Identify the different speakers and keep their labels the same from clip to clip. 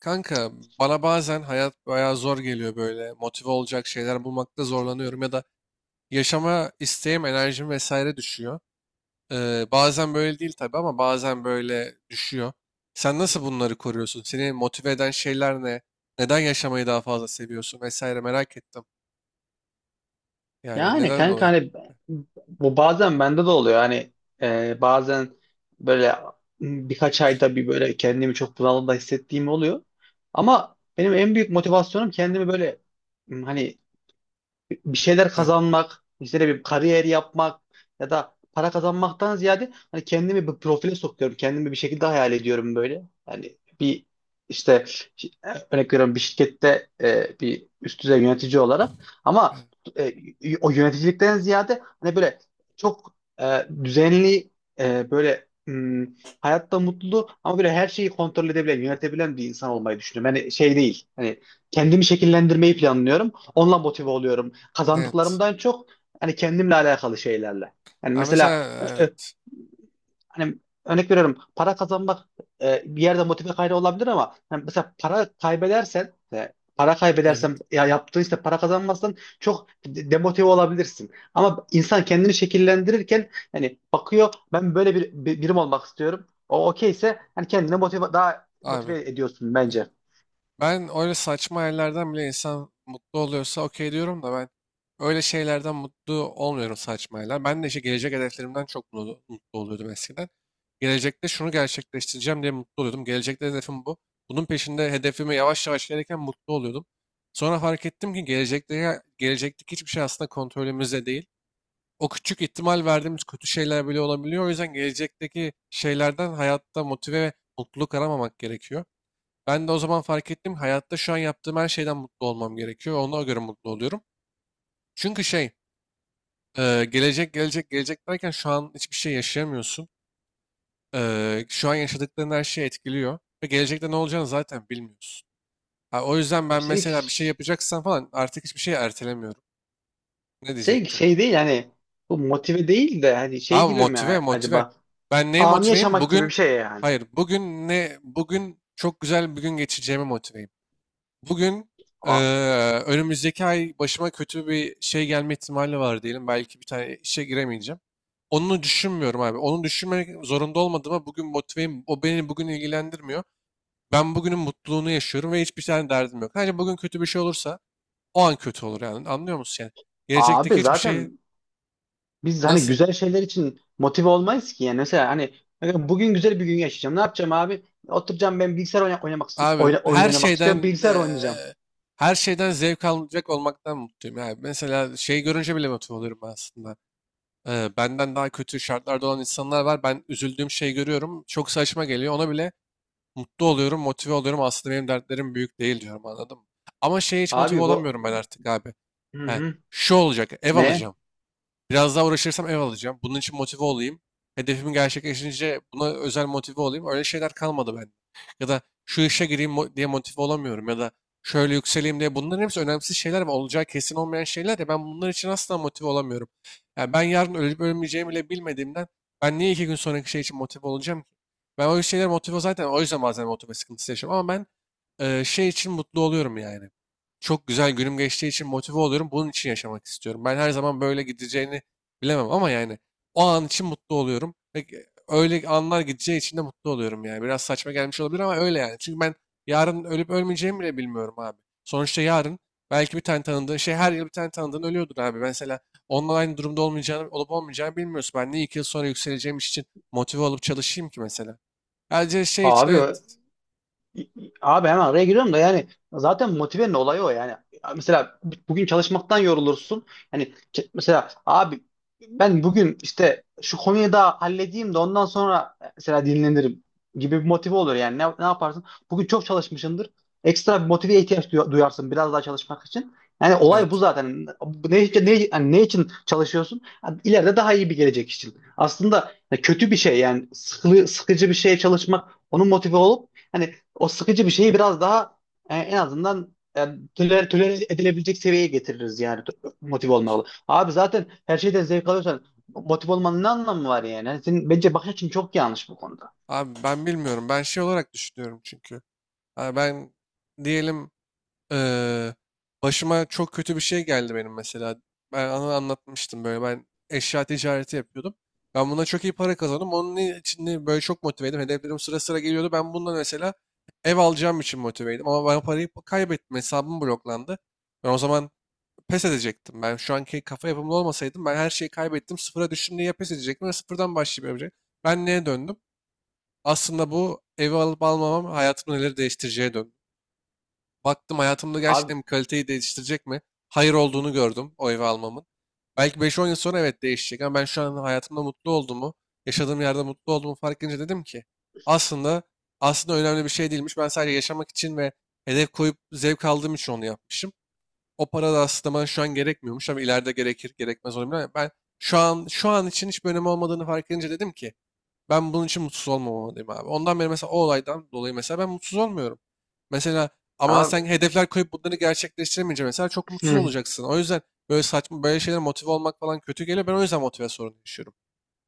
Speaker 1: Kanka bana bazen hayat bayağı zor geliyor böyle. Motive olacak şeyler bulmakta zorlanıyorum ya da yaşama isteğim, enerjim vesaire düşüyor. Bazen böyle değil tabii ama bazen böyle düşüyor. Sen nasıl bunları koruyorsun? Seni motive eden şeyler ne? Neden yaşamayı daha fazla seviyorsun vesaire merak ettim. Yani
Speaker 2: Yani
Speaker 1: neden
Speaker 2: kanka
Speaker 1: dolayı?
Speaker 2: hani bu bazen bende de oluyor. Hani bazen böyle birkaç ayda bir böyle kendimi çok bunalımda hissettiğim oluyor. Ama benim en büyük motivasyonum kendimi böyle hani bir şeyler
Speaker 1: Heh,
Speaker 2: kazanmak, işte ne bir kariyer yapmak ya da para kazanmaktan ziyade hani kendimi bir profile sokuyorum. Kendimi bir şekilde hayal ediyorum böyle. Hani bir işte şi- örnek veriyorum bir şirkette bir üst düzey yönetici olarak ama
Speaker 1: heh.
Speaker 2: e, o yöneticilikten ziyade hani böyle çok düzenli böyle hayatta mutlu ama böyle her şeyi kontrol edebilen, yönetebilen bir insan olmayı düşünüyorum. Hani şey değil. Hani kendimi şekillendirmeyi planlıyorum. Onunla motive oluyorum.
Speaker 1: Evet.
Speaker 2: Kazandıklarımdan çok hani kendimle alakalı şeylerle. Yani
Speaker 1: Ha, mesela,
Speaker 2: mesela e, e,
Speaker 1: evet,
Speaker 2: hani örnek veriyorum para kazanmak bir yerde motive kaynağı olabilir ama hani mesela para kaybedersen para
Speaker 1: evet
Speaker 2: kaybedersen ya yaptığın işte para kazanmazsan çok demotive olabilirsin. Ama insan kendini şekillendirirken hani bakıyor ben böyle birim olmak istiyorum. O okeyse hani kendine daha
Speaker 1: abi.
Speaker 2: motive ediyorsun bence.
Speaker 1: Ben öyle saçma hayallerden bile insan mutlu oluyorsa okey diyorum da ben öyle şeylerden mutlu olmuyorum, saçma hayaller. Ben de işte gelecek hedeflerimden çok mutlu oluyordum eskiden. Gelecekte şunu gerçekleştireceğim diye mutlu oluyordum. Gelecekte hedefim bu. Bunun peşinde hedefime yavaş yavaş gelirken mutlu oluyordum. Sonra fark ettim ki gelecekteki hiçbir şey aslında kontrolümüzde değil. O küçük ihtimal verdiğimiz kötü şeyler bile olabiliyor. O yüzden gelecekteki şeylerden hayatta motive ve mutluluk aramamak gerekiyor. Ben de o zaman fark ettim. Hayatta şu an yaptığım her şeyden mutlu olmam gerekiyor. Ona göre mutlu oluyorum. Çünkü şey, gelecek gelecek gelecek derken şu an hiçbir şey yaşayamıyorsun. Şu an yaşadıkların her şeyi etkiliyor. Ve gelecekte ne olacağını zaten bilmiyorsun. Ha, o yüzden ben
Speaker 2: Senin
Speaker 1: mesela bir şey yapacaksam falan artık hiçbir şeyi ertelemiyorum. Ne
Speaker 2: Şey,
Speaker 1: diyecektin?
Speaker 2: şey değil hani bu motive değil de hani şey
Speaker 1: Ama
Speaker 2: gibi mi
Speaker 1: motive
Speaker 2: yani
Speaker 1: motive.
Speaker 2: acaba
Speaker 1: Ben neye
Speaker 2: anı
Speaker 1: motiveyim?
Speaker 2: yaşamak gibi bir
Speaker 1: Bugün,
Speaker 2: şey yani.
Speaker 1: hayır bugün ne, bugün çok güzel bir gün geçireceğime motiveyim. Bugün. eee,
Speaker 2: A-
Speaker 1: Önümüzdeki ay başıma kötü bir şey gelme ihtimali var diyelim. Belki bir tane işe giremeyeceğim. Onu düşünmüyorum abi. Onu düşünmek zorunda olmadığıma bugün motiveyim. O beni bugün ilgilendirmiyor. Ben bugünün mutluluğunu yaşıyorum ve hiçbir tane derdim yok. Sadece bugün kötü bir şey olursa o an kötü olur yani. Anlıyor musun yani?
Speaker 2: Abi
Speaker 1: Gelecekteki hiçbir şeyi
Speaker 2: zaten biz hani
Speaker 1: nasıl
Speaker 2: güzel şeyler için motive olmayız ki yani mesela hani bugün güzel bir gün yaşayacağım. Ne yapacağım abi? Oturacağım ben bilgisayar oynamak
Speaker 1: abi
Speaker 2: oyun
Speaker 1: her
Speaker 2: oynamak istiyorum.
Speaker 1: şeyden
Speaker 2: Bilgisayar
Speaker 1: eee,
Speaker 2: oynayacağım.
Speaker 1: her şeyden zevk alacak olmaktan mutluyum. Yani mesela şey görünce bile motive oluyorum aslında. Benden daha kötü şartlarda olan insanlar var. Ben üzüldüğüm şeyi görüyorum. Çok saçma geliyor. Ona bile mutlu oluyorum, motive oluyorum. Aslında benim dertlerim büyük değil diyorum, anladın mı? Ama şeye hiç motive
Speaker 2: Abi bu
Speaker 1: olamıyorum ben artık abi.
Speaker 2: hı
Speaker 1: He,
Speaker 2: hı.
Speaker 1: şu olacak, ev
Speaker 2: Ne?
Speaker 1: alacağım. Biraz daha uğraşırsam ev alacağım. Bunun için motive olayım. Hedefimi gerçekleşince buna özel motive olayım. Öyle şeyler kalmadı bende. Ya da şu işe gireyim diye motive olamıyorum. Ya da şöyle yükseleyim diye. Bunların hepsi önemsiz şeyler ve olacağı kesin olmayan şeyler ya. Ben bunlar için asla motive olamıyorum. Yani ben yarın ölüp ölmeyeceğimi bile bilmediğimden ben niye 2 gün sonraki şey için motive olacağım ki? Ben o şeyler motive zaten, o yüzden bazen motive sıkıntısı yaşıyorum. Ama ben şey için mutlu oluyorum yani. Çok güzel günüm geçtiği için motive oluyorum. Bunun için yaşamak istiyorum. Ben her zaman böyle gideceğini bilemem ama yani o an için mutlu oluyorum. Ve öyle anlar gideceği için de mutlu oluyorum yani. Biraz saçma gelmiş olabilir ama öyle yani. Çünkü ben yarın ölüp ölmeyeceğimi bile bilmiyorum abi. Sonuçta yarın belki bir tane tanıdığın şey, her yıl bir tane tanıdığın ölüyordur abi. Mesela onunla aynı durumda olup olmayacağını bilmiyorsun. Ben niye 2 yıl sonra yükseleceğim iş için motive olup çalışayım ki mesela? Sadece şey için,
Speaker 2: Abi
Speaker 1: evet.
Speaker 2: Abi hemen araya giriyorum da yani zaten motivenin olayı o yani. Mesela bugün çalışmaktan yorulursun. Yani mesela abi ben bugün işte şu konuyu da halledeyim de ondan sonra mesela dinlenirim gibi bir motive olur yani. Ne yaparsın? Bugün çok çalışmışsındır. Ekstra bir motiveye ihtiyaç duyarsın biraz daha çalışmak için. Yani olay bu
Speaker 1: Evet.
Speaker 2: zaten. Ne için çalışıyorsun? Yani ileride daha iyi bir gelecek için. Aslında kötü bir şey yani sıkıcı bir şeye çalışmak onun motive olup hani o sıkıcı bir şeyi biraz daha en azından tolere edilebilecek seviyeye getiririz yani motive olmalı. Abi zaten her şeyden zevk alıyorsan motive olmanın ne anlamı var yani? Yani senin bence bakış açın çok yanlış bu konuda.
Speaker 1: Abi ben bilmiyorum. Ben şey olarak düşünüyorum çünkü. Abi ben diyelim, Eee, başıma çok kötü bir şey geldi benim mesela. Ben ana anlatmıştım böyle. Ben eşya ticareti yapıyordum. Ben buna çok iyi para kazandım. Onun için böyle çok motiveydim. Hedeflerim sıra sıra geliyordu. Ben bundan mesela ev alacağım için motiveydim. Ama ben parayı kaybettim. Hesabım bloklandı. Ben o zaman pes edecektim. Ben şu anki kafa yapımlı olmasaydım, ben her şeyi kaybettim, sıfıra düştüm diye ya pes edecektim, ya sıfırdan başlayıp yapacaktım. Ben neye döndüm? Aslında bu evi alıp almamam hayatımı neler değiştireceğe döndü. Baktım, hayatımda
Speaker 2: Abi
Speaker 1: gerçekten bir kaliteyi değiştirecek mi? Hayır olduğunu gördüm o evi almamın. Belki beş on yıl sonra evet değişecek ama ben şu an hayatımda mutlu olduğumu, yaşadığım yerde mutlu olduğumu fark edince dedim ki aslında aslında önemli bir şey değilmiş. Ben sadece yaşamak için ve hedef koyup zevk aldığım için onu yapmışım. O para da aslında bana şu an gerekmiyormuş ama ileride gerekir gerekmez olabilir. Ama ben şu an için hiçbir önemi olmadığını fark edince dedim ki ben bunun için mutsuz olmamalıyım abi. Ondan beri mesela, o olaydan dolayı mesela ben mutsuz olmuyorum. Mesela, ama
Speaker 2: abi
Speaker 1: sen hedefler koyup bunları gerçekleştiremeyince mesela çok mutsuz
Speaker 2: hı,
Speaker 1: olacaksın. O yüzden böyle saçma böyle şeyler, motive olmak falan kötü geliyor. Ben o yüzden motive sorunu yaşıyorum.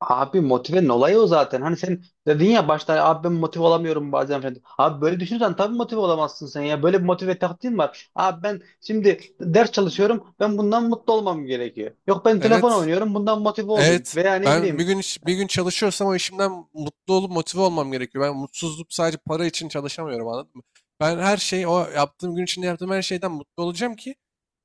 Speaker 2: abi motivenin olayı o zaten. Hani sen dedin ya başta abi ben motive olamıyorum bazen falan. Abi böyle düşünürsen tabii motive olamazsın sen ya. Böyle bir motive taktiğin var. Abi ben şimdi ders çalışıyorum. Ben bundan mutlu olmam gerekiyor. Yok ben telefon
Speaker 1: Evet.
Speaker 2: oynuyorum. Bundan motive olayım.
Speaker 1: Evet.
Speaker 2: Veya ne
Speaker 1: Ben bir
Speaker 2: bileyim.
Speaker 1: gün bir gün çalışıyorsam o işimden mutlu olup motive olmam gerekiyor. Ben mutsuzluk sadece para için çalışamıyorum, anladın mı? Ben her şeyi o yaptığım gün içinde, yaptığım her şeyden mutlu olacağım ki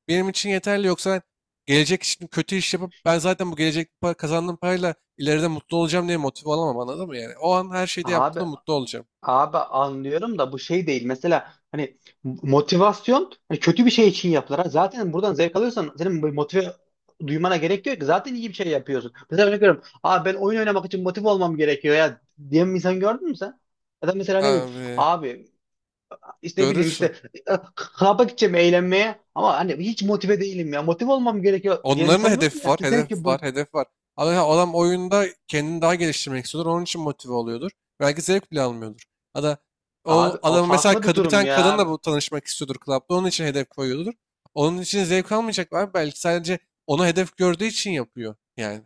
Speaker 1: benim için yeterli. Yoksa ben gelecek için kötü iş yapıp, ben zaten bu gelecek para, kazandığım parayla ileride mutlu olacağım diye motive olamam, anladın mı yani? O an her şeyde
Speaker 2: Abi
Speaker 1: yaptığımda mutlu olacağım.
Speaker 2: Abi anlıyorum da bu şey değil. Mesela hani motivasyon hani kötü bir şey için yapılır. Ha, zaten buradan zevk alıyorsan senin bu motive duymana gerek yok ki. Zaten iyi bir şey yapıyorsun. Mesela örnek veriyorum. Abi ben oyun oynamak için motive olmam gerekiyor ya diyen bir insan gördün mü sen? Ya da mesela ne bileyim
Speaker 1: Abi
Speaker 2: abi işte ne bileyim işte
Speaker 1: görürsün.
Speaker 2: klaba gideceğim eğlenmeye ama hani hiç motive değilim ya. Motive olmam gerekiyor diyen
Speaker 1: Onların da
Speaker 2: insan gördün
Speaker 1: hedefi
Speaker 2: mü?
Speaker 1: var,
Speaker 2: Yani ki
Speaker 1: hedefi
Speaker 2: bu
Speaker 1: var, hedefi var. Ama ya adam oyunda kendini daha geliştirmek istiyordur. Onun için motive oluyordur. Belki zevk bile almıyordur. Ya da o
Speaker 2: abi o
Speaker 1: adam mesela
Speaker 2: farklı bir
Speaker 1: bir
Speaker 2: durum
Speaker 1: tane
Speaker 2: ya.
Speaker 1: kadınla bu tanışmak istiyordur klapta. Onun için hedef koyuyordur. Onun için zevk almayacak var, belki sadece onu hedef gördüğü için yapıyor yani.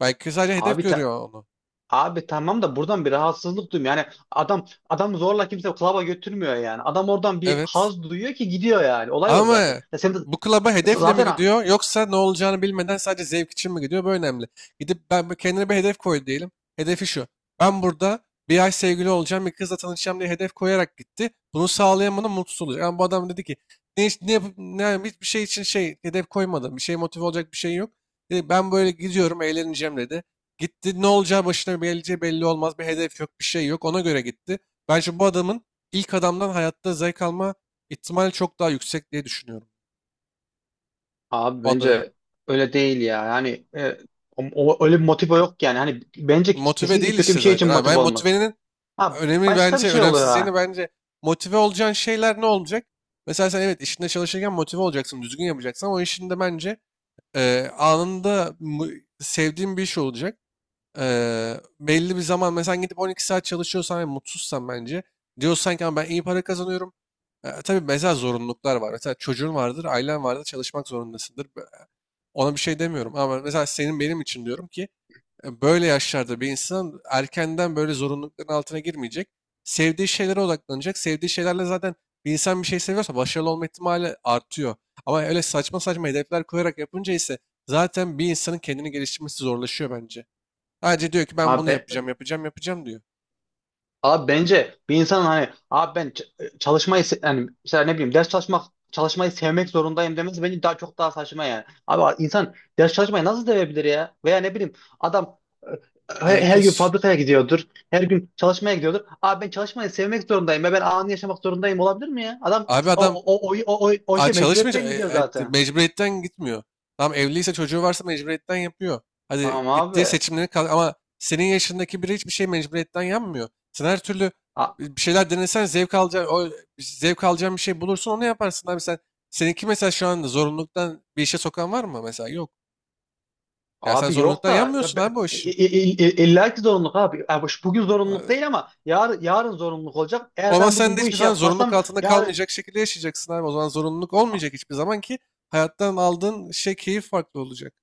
Speaker 1: Belki sadece hedef
Speaker 2: Abi ta-
Speaker 1: görüyor onu.
Speaker 2: Abi tamam da buradan bir rahatsızlık duymuyor. Yani adam zorla kimse klaba götürmüyor yani. Adam oradan bir
Speaker 1: Evet.
Speaker 2: haz duyuyor ki gidiyor yani. Olay o
Speaker 1: Ama
Speaker 2: zaten. Ya sen de
Speaker 1: bu klaba hedefle mi
Speaker 2: zaten
Speaker 1: gidiyor, yoksa ne olacağını bilmeden sadece zevk için mi gidiyor? Bu önemli. Gidip ben kendine bir hedef koy diyelim. Hedefi şu: ben burada bir ay sevgili olacağım, bir kızla tanışacağım diye hedef koyarak gitti. Bunu sağlayamadı, mutsuz oluyor. Yani bu adam dedi ki ne, iş- ne, yapıp- ne yani hiçbir şey için şey hedef koymadım. Bir şey motive olacak bir şey yok. Dedi, ben böyle gidiyorum, eğleneceğim dedi. Gitti, ne olacağı başına geleceği belli olmaz. Bir hedef yok, bir şey yok. Ona göre gitti. Bence bu adamın ilk adamdan hayatta zevk alma ihtimal çok daha yüksek diye düşünüyorum.
Speaker 2: abi
Speaker 1: O da
Speaker 2: bence öyle değil ya. Yani öyle bir motive yok yani. Hani bence
Speaker 1: motive
Speaker 2: kesinlikle
Speaker 1: değil
Speaker 2: kötü
Speaker 1: işte
Speaker 2: bir şey için
Speaker 1: zaten. Ha,
Speaker 2: motive
Speaker 1: ben
Speaker 2: olmaz.
Speaker 1: motivenin
Speaker 2: Ha
Speaker 1: önemi
Speaker 2: başka bir
Speaker 1: bence,
Speaker 2: şey oluyor
Speaker 1: önemsizliğini
Speaker 2: ha.
Speaker 1: bence, motive olacağın şeyler ne olacak? Mesela sen evet işinde çalışırken motive olacaksın, düzgün yapacaksın ama o işinde bence e, anında mu- sevdiğin bir iş olacak. E, belli bir zaman mesela gidip 12 saat çalışıyorsan ve mutsuzsan, bence diyorsan ki "Ama ben iyi para kazanıyorum." Tabii mesela zorunluluklar var. Mesela çocuğun vardır, ailen vardır, çalışmak zorundasındır. Ona bir şey demiyorum ama mesela senin, benim için diyorum ki böyle yaşlarda bir insan erkenden böyle zorunlulukların altına girmeyecek. Sevdiği şeylere odaklanacak. Sevdiği şeylerle zaten, bir insan bir şey seviyorsa başarılı olma ihtimali artıyor. Ama öyle saçma saçma hedefler koyarak yapınca ise zaten bir insanın kendini geliştirmesi zorlaşıyor bence. Sadece diyor ki ben bunu
Speaker 2: Abi
Speaker 1: yapacağım, yapacağım, yapacağım diyor.
Speaker 2: Abi bence bir insanın hani abi ben çalışmayı yani mesela ne bileyim ders çalışmak çalışmayı sevmek zorundayım demesi bence daha çok daha saçma yani. Abi insan ders çalışmayı nasıl sevebilir ya? Veya ne bileyim adam her gün
Speaker 1: Alakası.
Speaker 2: fabrikaya gidiyordur. Her gün çalışmaya gidiyordur. Abi ben çalışmayı sevmek zorundayım ve ben anı yaşamak zorundayım olabilir mi ya? Adam
Speaker 1: Abi adam,
Speaker 2: o işe
Speaker 1: Çalışmış.
Speaker 2: mecburiyetten gidiyor zaten.
Speaker 1: Mecburiyetten gitmiyor. Tamam, evliyse, çocuğu varsa mecburiyetten yapıyor. Hadi
Speaker 2: Tamam
Speaker 1: gittiği
Speaker 2: abi.
Speaker 1: seçimleri kal, ama senin yaşındaki biri hiçbir şey mecburiyetten yapmıyor. Sen her türlü bir şeyler denesen zevk alacağın, o zevk alacağın bir şey bulursun, onu yaparsın. Abi sen, seninki mesela şu anda zorunluluktan bir işe sokan var mı mesela? Yok. Ya sen
Speaker 2: Abi yok
Speaker 1: zorunluluktan
Speaker 2: da ya
Speaker 1: yanmıyorsun abi o işi.
Speaker 2: illa ki zorunluluk abi. Yani bugün zorunluluk
Speaker 1: Aa,
Speaker 2: değil ama yarın zorunluluk olacak.
Speaker 1: O
Speaker 2: Eğer
Speaker 1: zaman
Speaker 2: ben
Speaker 1: sen
Speaker 2: bugün
Speaker 1: de
Speaker 2: bu
Speaker 1: hiçbir
Speaker 2: işi
Speaker 1: zaman zorunluluk
Speaker 2: yapmazsam
Speaker 1: altında
Speaker 2: yarın
Speaker 1: kalmayacak şekilde yaşayacaksın abi. O zaman zorunluluk
Speaker 2: A-
Speaker 1: olmayacak hiçbir zaman ki hayattan aldığın şey, keyif farklı olacak.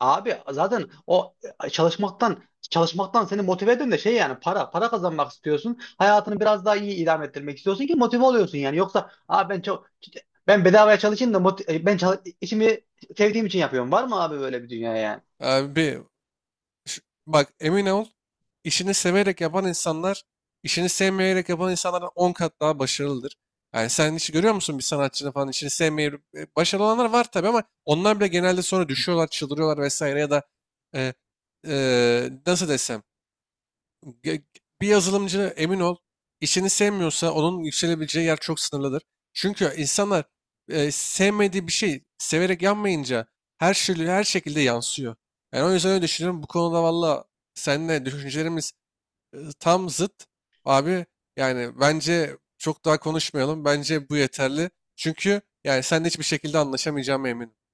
Speaker 2: abi zaten o e, çalışmaktan çalışmaktan seni motive eden de şey yani para kazanmak istiyorsun. Hayatını biraz daha iyi idame ettirmek istiyorsun ki motive oluyorsun yani. Yoksa abi ben çok ben bedavaya çalışayım da ben işimi sevdiğim için yapıyorum. Var mı abi böyle bir dünya yani?
Speaker 1: Abi, Ş- bak emin ol, işini severek yapan insanlar işini sevmeyerek yapan insanlardan 10 kat daha başarılıdır. Yani sen hiç görüyor musun, bir sanatçının falan işini sevmeyip başarılı olanlar var tabii, ama onlar bile genelde sonra düşüyorlar, çıldırıyorlar vesaire, ya da e, nasıl desem, Ge- bir yazılımcı, emin ol işini sevmiyorsa onun yükselebileceği yer çok sınırlıdır. Çünkü insanlar sevmediği bir şey severek yapmayınca her şey her şekilde yansıyor. Yani o yüzden öyle düşünüyorum. Bu konuda valla seninle düşüncelerimiz tam zıt. Abi yani bence çok daha konuşmayalım. Bence bu yeterli. Çünkü yani seninle hiçbir şekilde anlaşamayacağım, eminim.